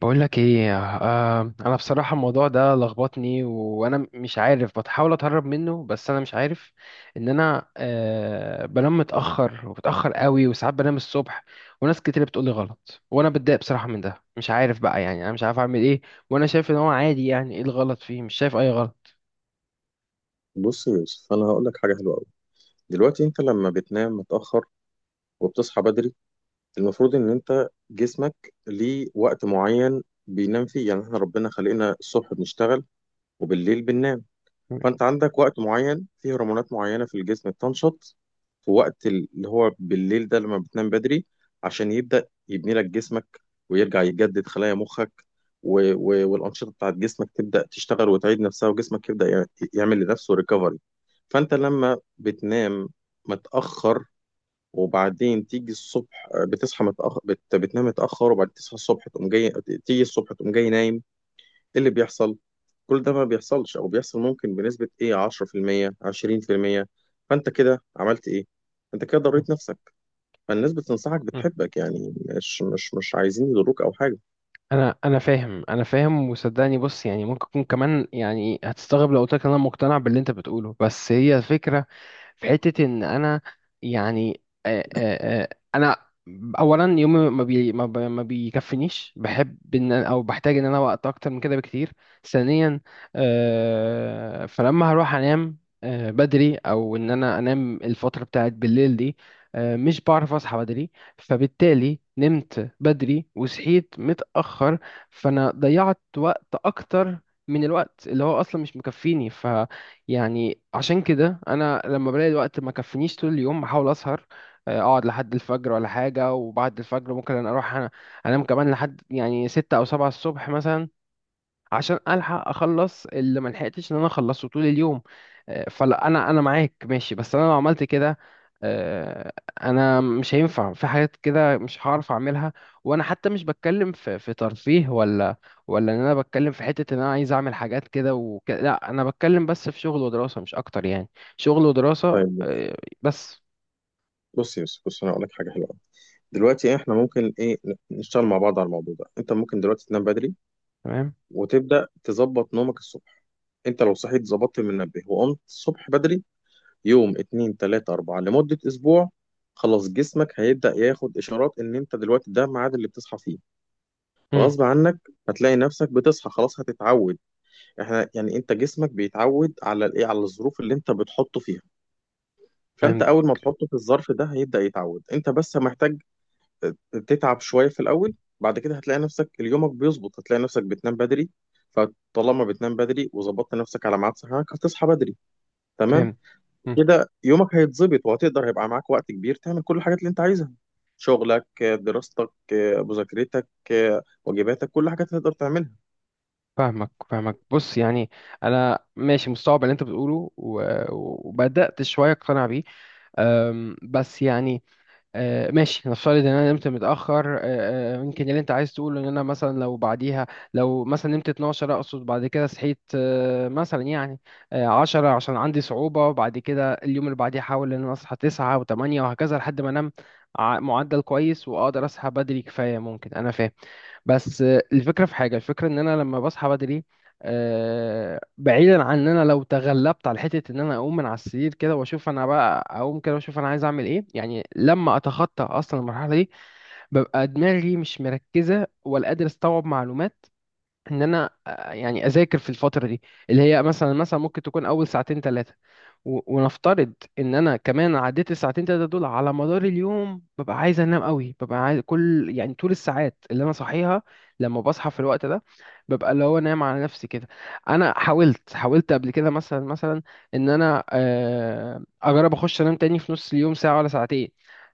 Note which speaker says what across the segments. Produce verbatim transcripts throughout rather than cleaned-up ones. Speaker 1: بقول لك ايه، آه، انا بصراحه الموضوع ده لخبطني وانا مش عارف، بتحاول اتهرب منه بس انا مش عارف ان انا آه بنام متاخر وبتاخر قوي وساعات بنام الصبح، وناس كتير بتقول لي غلط وانا بتضايق بصراحه من ده، مش عارف بقى، يعني انا مش عارف اعمل ايه، وانا شايف ان هو عادي، يعني ايه الغلط فيه؟ مش شايف اي غلط.
Speaker 2: بص يا يوسف، انا هقول لك حاجه حلوه قوي. دلوقتي انت لما بتنام متاخر وبتصحى بدري، المفروض ان انت جسمك ليه وقت معين بينام فيه. يعني احنا ربنا خلقنا الصبح بنشتغل وبالليل بننام. فانت عندك وقت معين فيه هرمونات معينه في الجسم بتنشط في وقت اللي هو بالليل ده، لما بتنام بدري عشان يبدا يبني لك جسمك ويرجع يجدد خلايا مخك، و... و... والانشطه بتاعت جسمك تبدا تشتغل وتعيد نفسها وجسمك يبدا يع- يعمل لنفسه ريكفري. فانت لما بتنام متاخر وبعدين تيجي الصبح، آه، بتصحى متاخر، بت... بتنام متاخر وبعدين تصحى الصبح تقوم جاي، تيجي الصبح تقوم جاي نايم، ايه اللي بيحصل؟ كل ده ما بيحصلش، او بيحصل ممكن بنسبه ايه، عشرة في المية عشرين في المية. فانت كده عملت ايه؟ انت كده ضريت نفسك. فالناس بتنصحك بتحبك، يعني مش مش مش عايزين يضروك او حاجه.
Speaker 1: انا انا فاهم، انا فاهم، وصدقني بص يعني ممكن يكون كمان، يعني هتستغرب لو قلت لك إن انا مقتنع باللي انت بتقوله، بس هي الفكره في حته ان انا يعني آه، آه، آه، انا اولا يومي ما بي ما, بي ما بيكفنيش، بحب ان أنا- او بحتاج ان انا وقت اكتر من كده بكتير. ثانيا، آه، فلما هروح انام آه، بدري او ان انا انام الفتره بتاعت بالليل دي، آه، مش بعرف اصحى بدري. فبالتالي نمت بدري وصحيت متأخر، فأنا ضيعت وقت أكتر من الوقت اللي هو أصلا مش مكفيني. ف يعني عشان كده أنا لما بلاقي الوقت ما كفينيش طول اليوم بحاول أسهر، آه، أقعد لحد الفجر ولا حاجة، وبعد الفجر ممكن أنا أروح أنا أنام كمان لحد يعني ستة أو سبعة الصبح مثلا، عشان الحق اخلص اللي ما لحقتش ان انا اخلصه طول اليوم. آه، فلا انا انا معاك ماشي، بس انا لو عملت كده آه، انا مش هينفع، في حاجات كده مش هعرف اعملها. وانا حتى مش بتكلم في في ترفيه ولا ولا ان انا بتكلم في حتة ان انا عايز اعمل حاجات كده وكده، لا، انا بتكلم بس في شغل ودراسة مش اكتر يعني، شغل ودراسة.
Speaker 2: طيب،
Speaker 1: آه، بس
Speaker 2: بص يا يوسف، بص، انا هقول لك حاجه حلوه أوي. دلوقتي احنا ممكن ايه، نشتغل مع بعض على الموضوع ده. انت ممكن دلوقتي تنام بدري،
Speaker 1: تمام.
Speaker 2: وتبدأ تظبط نومك الصبح. انت لو صحيت ظبطت من المنبه وقمت الصبح بدري يوم اتنين تلاتة اربعة لمدة اسبوع، خلاص جسمك هيبدأ ياخد اشارات ان انت دلوقتي ده الميعاد اللي بتصحى فيه.
Speaker 1: مم،
Speaker 2: فغصب عنك هتلاقي نفسك بتصحى، خلاص هتتعود. احنا يعني انت جسمك بيتعود على الايه، على الظروف اللي انت بتحطه فيها. فانت
Speaker 1: فهمت.
Speaker 2: اول ما تحطه في الظرف ده هيبدأ يتعود، انت بس محتاج تتعب شوية في الأول. بعد كده هتلاقي نفسك يومك بيظبط، هتلاقي نفسك بتنام بدري. فطالما بتنام بدري وظبطت نفسك على ميعاد صحيانك، هتصحى بدري، تمام
Speaker 1: فهمت.
Speaker 2: كده. يومك هيتظبط وهتقدر، هيبقى معاك وقت كبير تعمل كل الحاجات اللي انت عايزها، شغلك، دراستك، مذاكرتك، واجباتك، كل حاجة هتقدر تعملها.
Speaker 1: فاهمك، فاهمك. بص يعني انا ماشي مستوعب اللي انت بتقوله و- وبدات شويه اقتنع بيه. أم، بس يعني أه، ماشي، نفترض ان انا نمت متاخر أه، أه، يمكن اللي انت عايز تقوله ان انا مثلا لو بعديها، لو مثلا نمت اتناشر اقصد، بعد كده صحيت أه، مثلا يعني أه، عشرة عشان عندي صعوبه، وبعد كده اليوم اللي بعديه احاول ان انا اصحى تسعة و8 وهكذا لحد ما انام ع- معدل كويس واقدر اصحى بدري كفايه. ممكن انا فاهم بس الفكرة في حاجة، الفكرة ان انا لما بصحى بدري، آه، بعيدا عن ان انا لو تغلبت على حته ان انا اقوم من على السرير كده واشوف انا بقى اقوم كده واشوف انا عايز اعمل ايه، يعني لما اتخطى اصلا المرحله دي، ببقى دماغي مش مركزه ولا قادر استوعب معلومات ان انا آه، يعني اذاكر في الفتره دي اللي هي مثلا مثلا ممكن تكون اول ساعتين ثلاثه. و- ونفترض ان انا كمان عديت الساعتين تلاتة دول، على مدار اليوم ببقى عايز انام قوي، ببقى عايز كل يعني طول الساعات اللي انا صحيها لما بصحى في الوقت ده ببقى اللي هو نايم على نفسي كده. انا حاولت، حاولت قبل كده مثلا مثلا ان انا آه، اجرب اخش انام تاني في نص اليوم ساعة ولا ساعتين.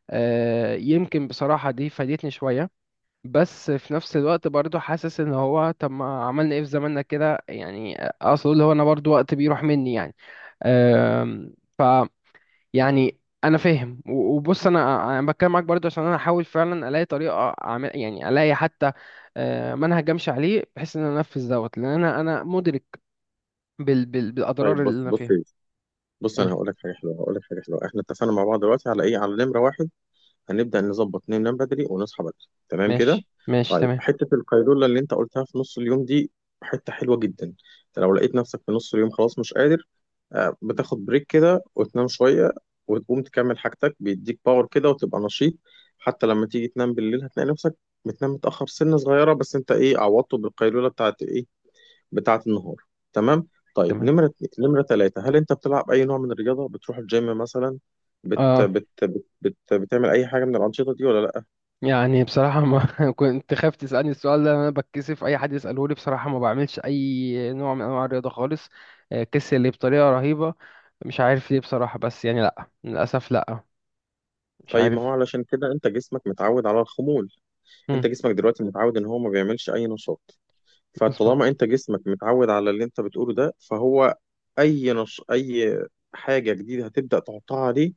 Speaker 1: آه، يمكن بصراحة دي فادتني شوية، بس في نفس الوقت برضو حاسس ان هو طب ما عملنا ايه في زماننا كده، يعني اقصد اللي هو انا برضو وقت بيروح مني يعني. أم، ف يعني انا فاهم و- وبص انا انا بتكلم معاك برضو عشان انا احاول فعلا الاقي طريقه اعمل، يعني الاقي حتى أه، منهج امشي عليه بحيث ان انا انفذ دوت لان انا انا مدرك بال بال
Speaker 2: طيب،
Speaker 1: بالاضرار اللي
Speaker 2: بص
Speaker 1: انا
Speaker 2: بص
Speaker 1: فيها.
Speaker 2: بص، انا
Speaker 1: قولي.
Speaker 2: هقول لك حاجة حلوة، هقول لك حاجة حلوة. احنا اتفقنا مع بعض دلوقتي على ايه، على نمرة واحد، هنبدأ نظبط ننام بدري ونصحى بدري، تمام كده.
Speaker 1: ماشي، ماشي
Speaker 2: طيب،
Speaker 1: تمام.
Speaker 2: حتة القيلولة اللي انت قلتها في نص اليوم دي حتة حلوة جدا. انت لو لقيت نفسك في نص اليوم خلاص مش قادر، آه، بتاخد بريك كده وتنام شوية، وتقوم تكمل حاجتك بيديك باور كده وتبقى نشيط. حتى لما تيجي تنام بالليل هتلاقي نفسك بتنام متأخر سنة صغيرة، بس انت ايه، عوضته بالقيلولة بتاعت ايه، بتاعة النهار، تمام. طيب،
Speaker 1: تمام.
Speaker 2: نمرة اتنين- نمرة ثلاثة، هل أنت بتلعب أي نوع من الرياضة؟ بتروح الجيم مثلا؟ بت
Speaker 1: اه.
Speaker 2: بت بت بت بتعمل أي حاجة من الأنشطة دي ولا لأ؟
Speaker 1: يعني بصراحة ما كنت خايف تسألني السؤال ده. أنا بتكسف أي حد يسأله لي بصراحة. ما بعملش أي نوع من أنواع الرياضة خالص. آه، كسل لي بطريقة رهيبة. مش عارف ليه بصراحة، بس يعني لأ للأسف لأ، مش
Speaker 2: طيب، ما هو
Speaker 1: عارف.
Speaker 2: علشان كده أنت جسمك متعود على الخمول. أنت
Speaker 1: مم،
Speaker 2: جسمك دلوقتي متعود إن هو ما بيعملش أي نشاط. فطالما
Speaker 1: مظبوط.
Speaker 2: أنت جسمك متعود على اللي أنت بتقوله ده فهو، أي نش أي حاجة جديدة هتبدأ تحطها عليه،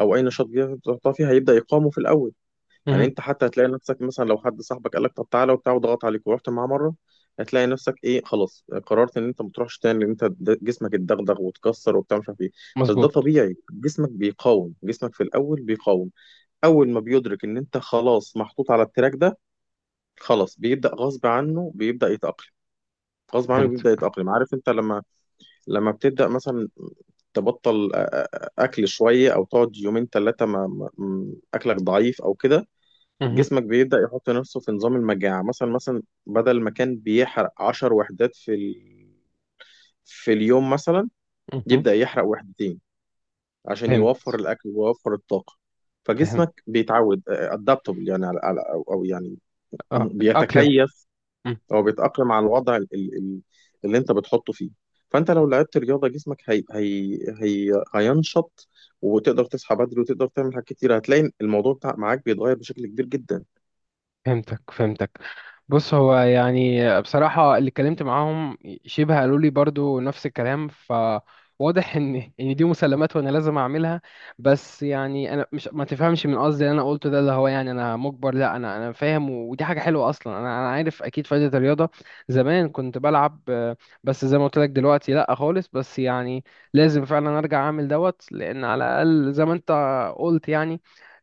Speaker 2: أو أي نشاط جديد هتبدأ تحطها فيه، هيبدأ يقاومه في الأول. يعني
Speaker 1: مهم،
Speaker 2: انت حتى هتلاقي نفسك مثلا لو حد صاحبك قال لك طب تعالى وبتاع وضغط عليك ورحت معاه مره، هتلاقي نفسك ايه، خلاص قررت ان انت ما تروحش تاني، لان انت د- جسمك اتدغدغ واتكسر وبتاع مش عارف ايه. بس ده
Speaker 1: مظبوط.
Speaker 2: طبيعي، جسمك بيقاوم، جسمك في الاول بيقاوم. اول ما بيدرك ان انت خلاص محطوط على التراك ده، خلاص بيبدا غصب عنه بيبدا يتاقلم. غصب عنه
Speaker 1: فهمت.
Speaker 2: بيبدا يتاقلم. عارف انت لما لما بتبدا مثلا تبطل آ- آ- آ- اكل شويه، او تقعد يومين ثلاثه ما ما- م- اكلك ضعيف او كده،
Speaker 1: مهم،
Speaker 2: جسمك بيبدأ يحط نفسه في نظام المجاعة. مثلا مثلا، بدل ما كان بيحرق عشر وحدات في ال... في اليوم مثلا،
Speaker 1: مهم،
Speaker 2: يبدأ يحرق وحدتين عشان
Speaker 1: فهمت.
Speaker 2: يوفر الأكل ويوفر الطاقة.
Speaker 1: فهمت،
Speaker 2: فجسمك بيتعود ادابتبل، يعني على... على... أو... أو يعني
Speaker 1: أه، أتأقلم.
Speaker 2: بيتكيف،
Speaker 1: مم.
Speaker 2: أو بيتأقلم على الوضع ال... ال... اللي أنت بتحطه فيه. فأنت لو لعبت رياضة، جسمك هي... هي... هي... هينشط، وتقدر تصحى بدري وتقدر تعمل حاجات كتير. هتلاقي الموضوع بتاع معاك بيتغير بشكل كبير جدا.
Speaker 1: فهمتك، فهمتك. بص هو يعني بصراحة اللي اتكلمت معاهم شبه قالوا لي برضو نفس الكلام، فواضح ان ان دي مسلمات وانا لازم اعملها. بس يعني انا مش، ما تفهمش من قصدي اللي انا قلته ده اللي هو يعني انا مجبر، لا، انا انا فاهم ودي حاجة حلوة اصلا، انا انا عارف اكيد فايدة الرياضة. زمان كنت بلعب، آه، بس زي ما قلت لك دلوقتي لا خالص، بس يعني لازم فعلا ارجع اعمل دوت، لان على الاقل زي ما انت قلت يعني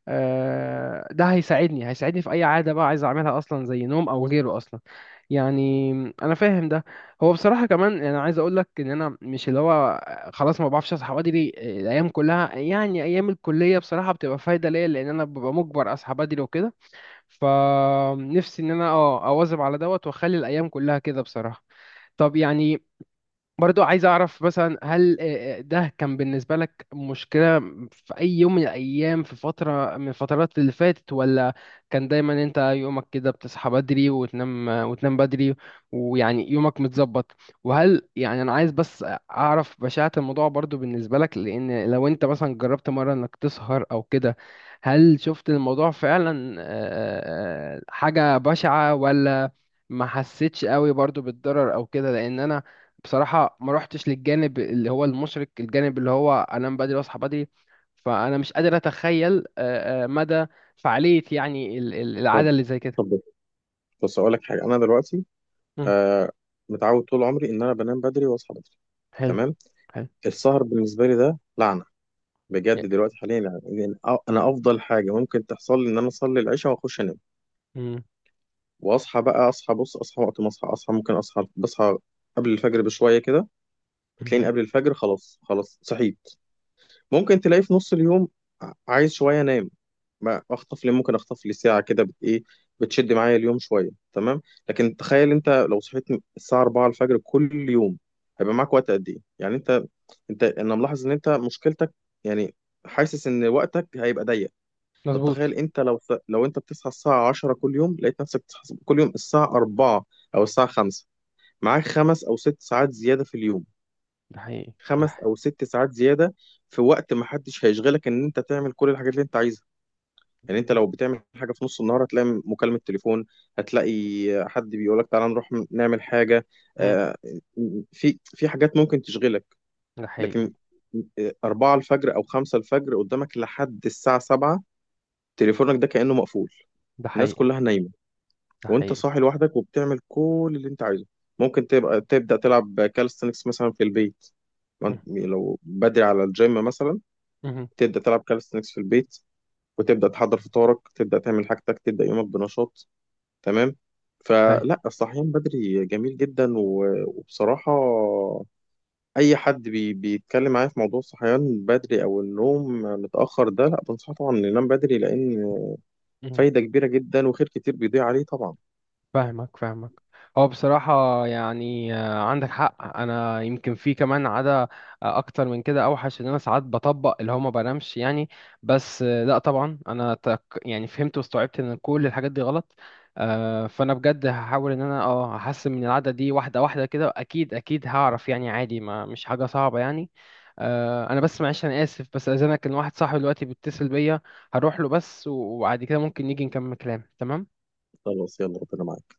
Speaker 1: آه، ده هيساعدني هيساعدني في اي عاده بقى عايز اعملها اصلا، زي نوم او غيره اصلا يعني. انا فاهم ده. هو بصراحه كمان انا عايز اقول لك ان انا مش اللي هو خلاص ما بعرفش اصحى بدري الايام كلها، يعني ايام الكليه بصراحه بتبقى فايده ليا، لان انا ببقى مجبر اصحى بدري وكده، فنفسي ان انا اه اواظب على دوت واخلي الايام كلها كده بصراحه. طب يعني برضو عايز اعرف، مثلا هل آه، آه، ده كان بالنسبة لك مشكلة في اي يوم من الايام، في فترة من الفترات اللي فاتت، ولا كان دايما انت يومك كده بتصحى بدري وتنام وتنام بدري ويعني يومك متظبط؟ وهل يعني انا عايز بس اعرف بشاعة الموضوع برضو بالنسبة لك، لان لو انت مثلا جربت مرة انك تسهر او كده، هل شفت الموضوع فعلا آه، آه، آه، حاجة بشعة، ولا ما حسيتش قوي برضو بالضرر او كده؟ لان انا بصراحة ما روحتش للجانب اللي هو المشرق، الجانب اللي هو أنام بدري وأصحى بدري، فأنا مش قادر أتخيل آه، آه، مدى فعالية يعني ال- ال-
Speaker 2: طب
Speaker 1: العادة اللي زي كده.
Speaker 2: طب بص اقول لك حاجه، انا دلوقتي
Speaker 1: مم.
Speaker 2: آه متعود طول عمري ان انا بنام بدري واصحى بدري،
Speaker 1: حلو.
Speaker 2: تمام.
Speaker 1: حلو.
Speaker 2: السهر بالنسبه لي ده لعنه، بجد.
Speaker 1: يا-
Speaker 2: دلوقتي حاليا، يعني يعني أ- انا افضل حاجه ممكن تحصل لي ان انا اصلي العشاء واخش انام،
Speaker 1: مم.
Speaker 2: واصحى بقى. اصحى، بص، اصحى وقت ما اصحى، اصحى ممكن اصحى بصحى قبل الفجر بشويه كده. بتلاقيني
Speaker 1: مم.
Speaker 2: قبل الفجر خلاص، خلاص صحيت. ممكن تلاقي في نص اليوم ع- عايز شويه انام، ما اخطف لي، ممكن اخطف لي ساعه كده، بت ايه، بتشد معايا اليوم شويه، تمام. لكن تخيل انت لو صحيت الساعه الرابعة الفجر كل يوم، هيبقى معاك وقت قد ايه؟ يعني انت انت انا ملاحظ ان انت مشكلتك، يعني، حاسس ان وقتك هيبقى ضيق. طب
Speaker 1: مظبوط.
Speaker 2: تخيل انت لو س- لو انت بتصحى الساعه عشرة كل يوم، لقيت نفسك بتصحى كل يوم الساعه أربعة او الساعه خمسة، معاك خمس او ست ساعات زياده في اليوم.
Speaker 1: ده حقيقي. ده
Speaker 2: خمس
Speaker 1: حقيقي.
Speaker 2: او ست ساعات زياده في وقت ما حدش هيشغلك، ان انت تعمل كل الحاجات اللي انت عايزها. يعني انت لو بتعمل حاجه في نص النهار، هتلاقي مكالمه تليفون، هتلاقي حد بيقول لك تعالى نروح نعمل حاجه،
Speaker 1: مم.
Speaker 2: آه، في في حاجات ممكن تشغلك.
Speaker 1: ده حقيقي.
Speaker 2: لكن آه، أربعة الفجر أو خمسة الفجر قدامك لحد الساعة سبعة، تليفونك ده كأنه مقفول.
Speaker 1: ده
Speaker 2: الناس
Speaker 1: حقيقي.
Speaker 2: كلها نايمة،
Speaker 1: ده
Speaker 2: وأنت
Speaker 1: حقيقي.
Speaker 2: صاحي لوحدك وبتعمل كل اللي أنت عايزه. ممكن تبقى تبدأ تلعب كالستنكس مثلا في البيت، ما
Speaker 1: مم.
Speaker 2: أنت- لو بدري على الجيم مثلا،
Speaker 1: مم.
Speaker 2: تبدأ تلعب كالستنكس في البيت، وتبدأ تحضر فطارك، تبدأ تعمل حاجتك، تبدأ يومك بنشاط، تمام.
Speaker 1: أي.
Speaker 2: فلا، الصحيان بدري جميل جدا، و- وبصراحة أي حد بي بيتكلم معايا في موضوع الصحيان بدري أو النوم متأخر ده، لا، بنصحه طبعا إنه ينام بدري، لأن فايدة كبيرة جدا وخير كتير بيضيع عليه طبعا.
Speaker 1: فاهمك، فاهمك. هو بصراحة يعني آه، عندك حق. أنا يمكن في كمان عادة آه، أكتر من كده أوحش، إن أنا ساعات بطبق اللي هو ما بنامش يعني. بس آه، لأ طبعا أنا تك يعني فهمت واستوعبت إن كل الحاجات دي غلط. آه، فأنا بجد هحاول إن أنا أه أحسن من العادة دي، واحدة واحدة كده أكيد أكيد هعرف، يعني عادي ما مش حاجة صعبة يعني. آه، أنا بس معلش أنا آسف، بس أذنك إن واحد صاحبي دلوقتي بيتصل بيا، هروح له بس وبعد كده ممكن نيجي نكمل كلام، تمام؟
Speaker 2: خلاص، يلا، ربنا معاك.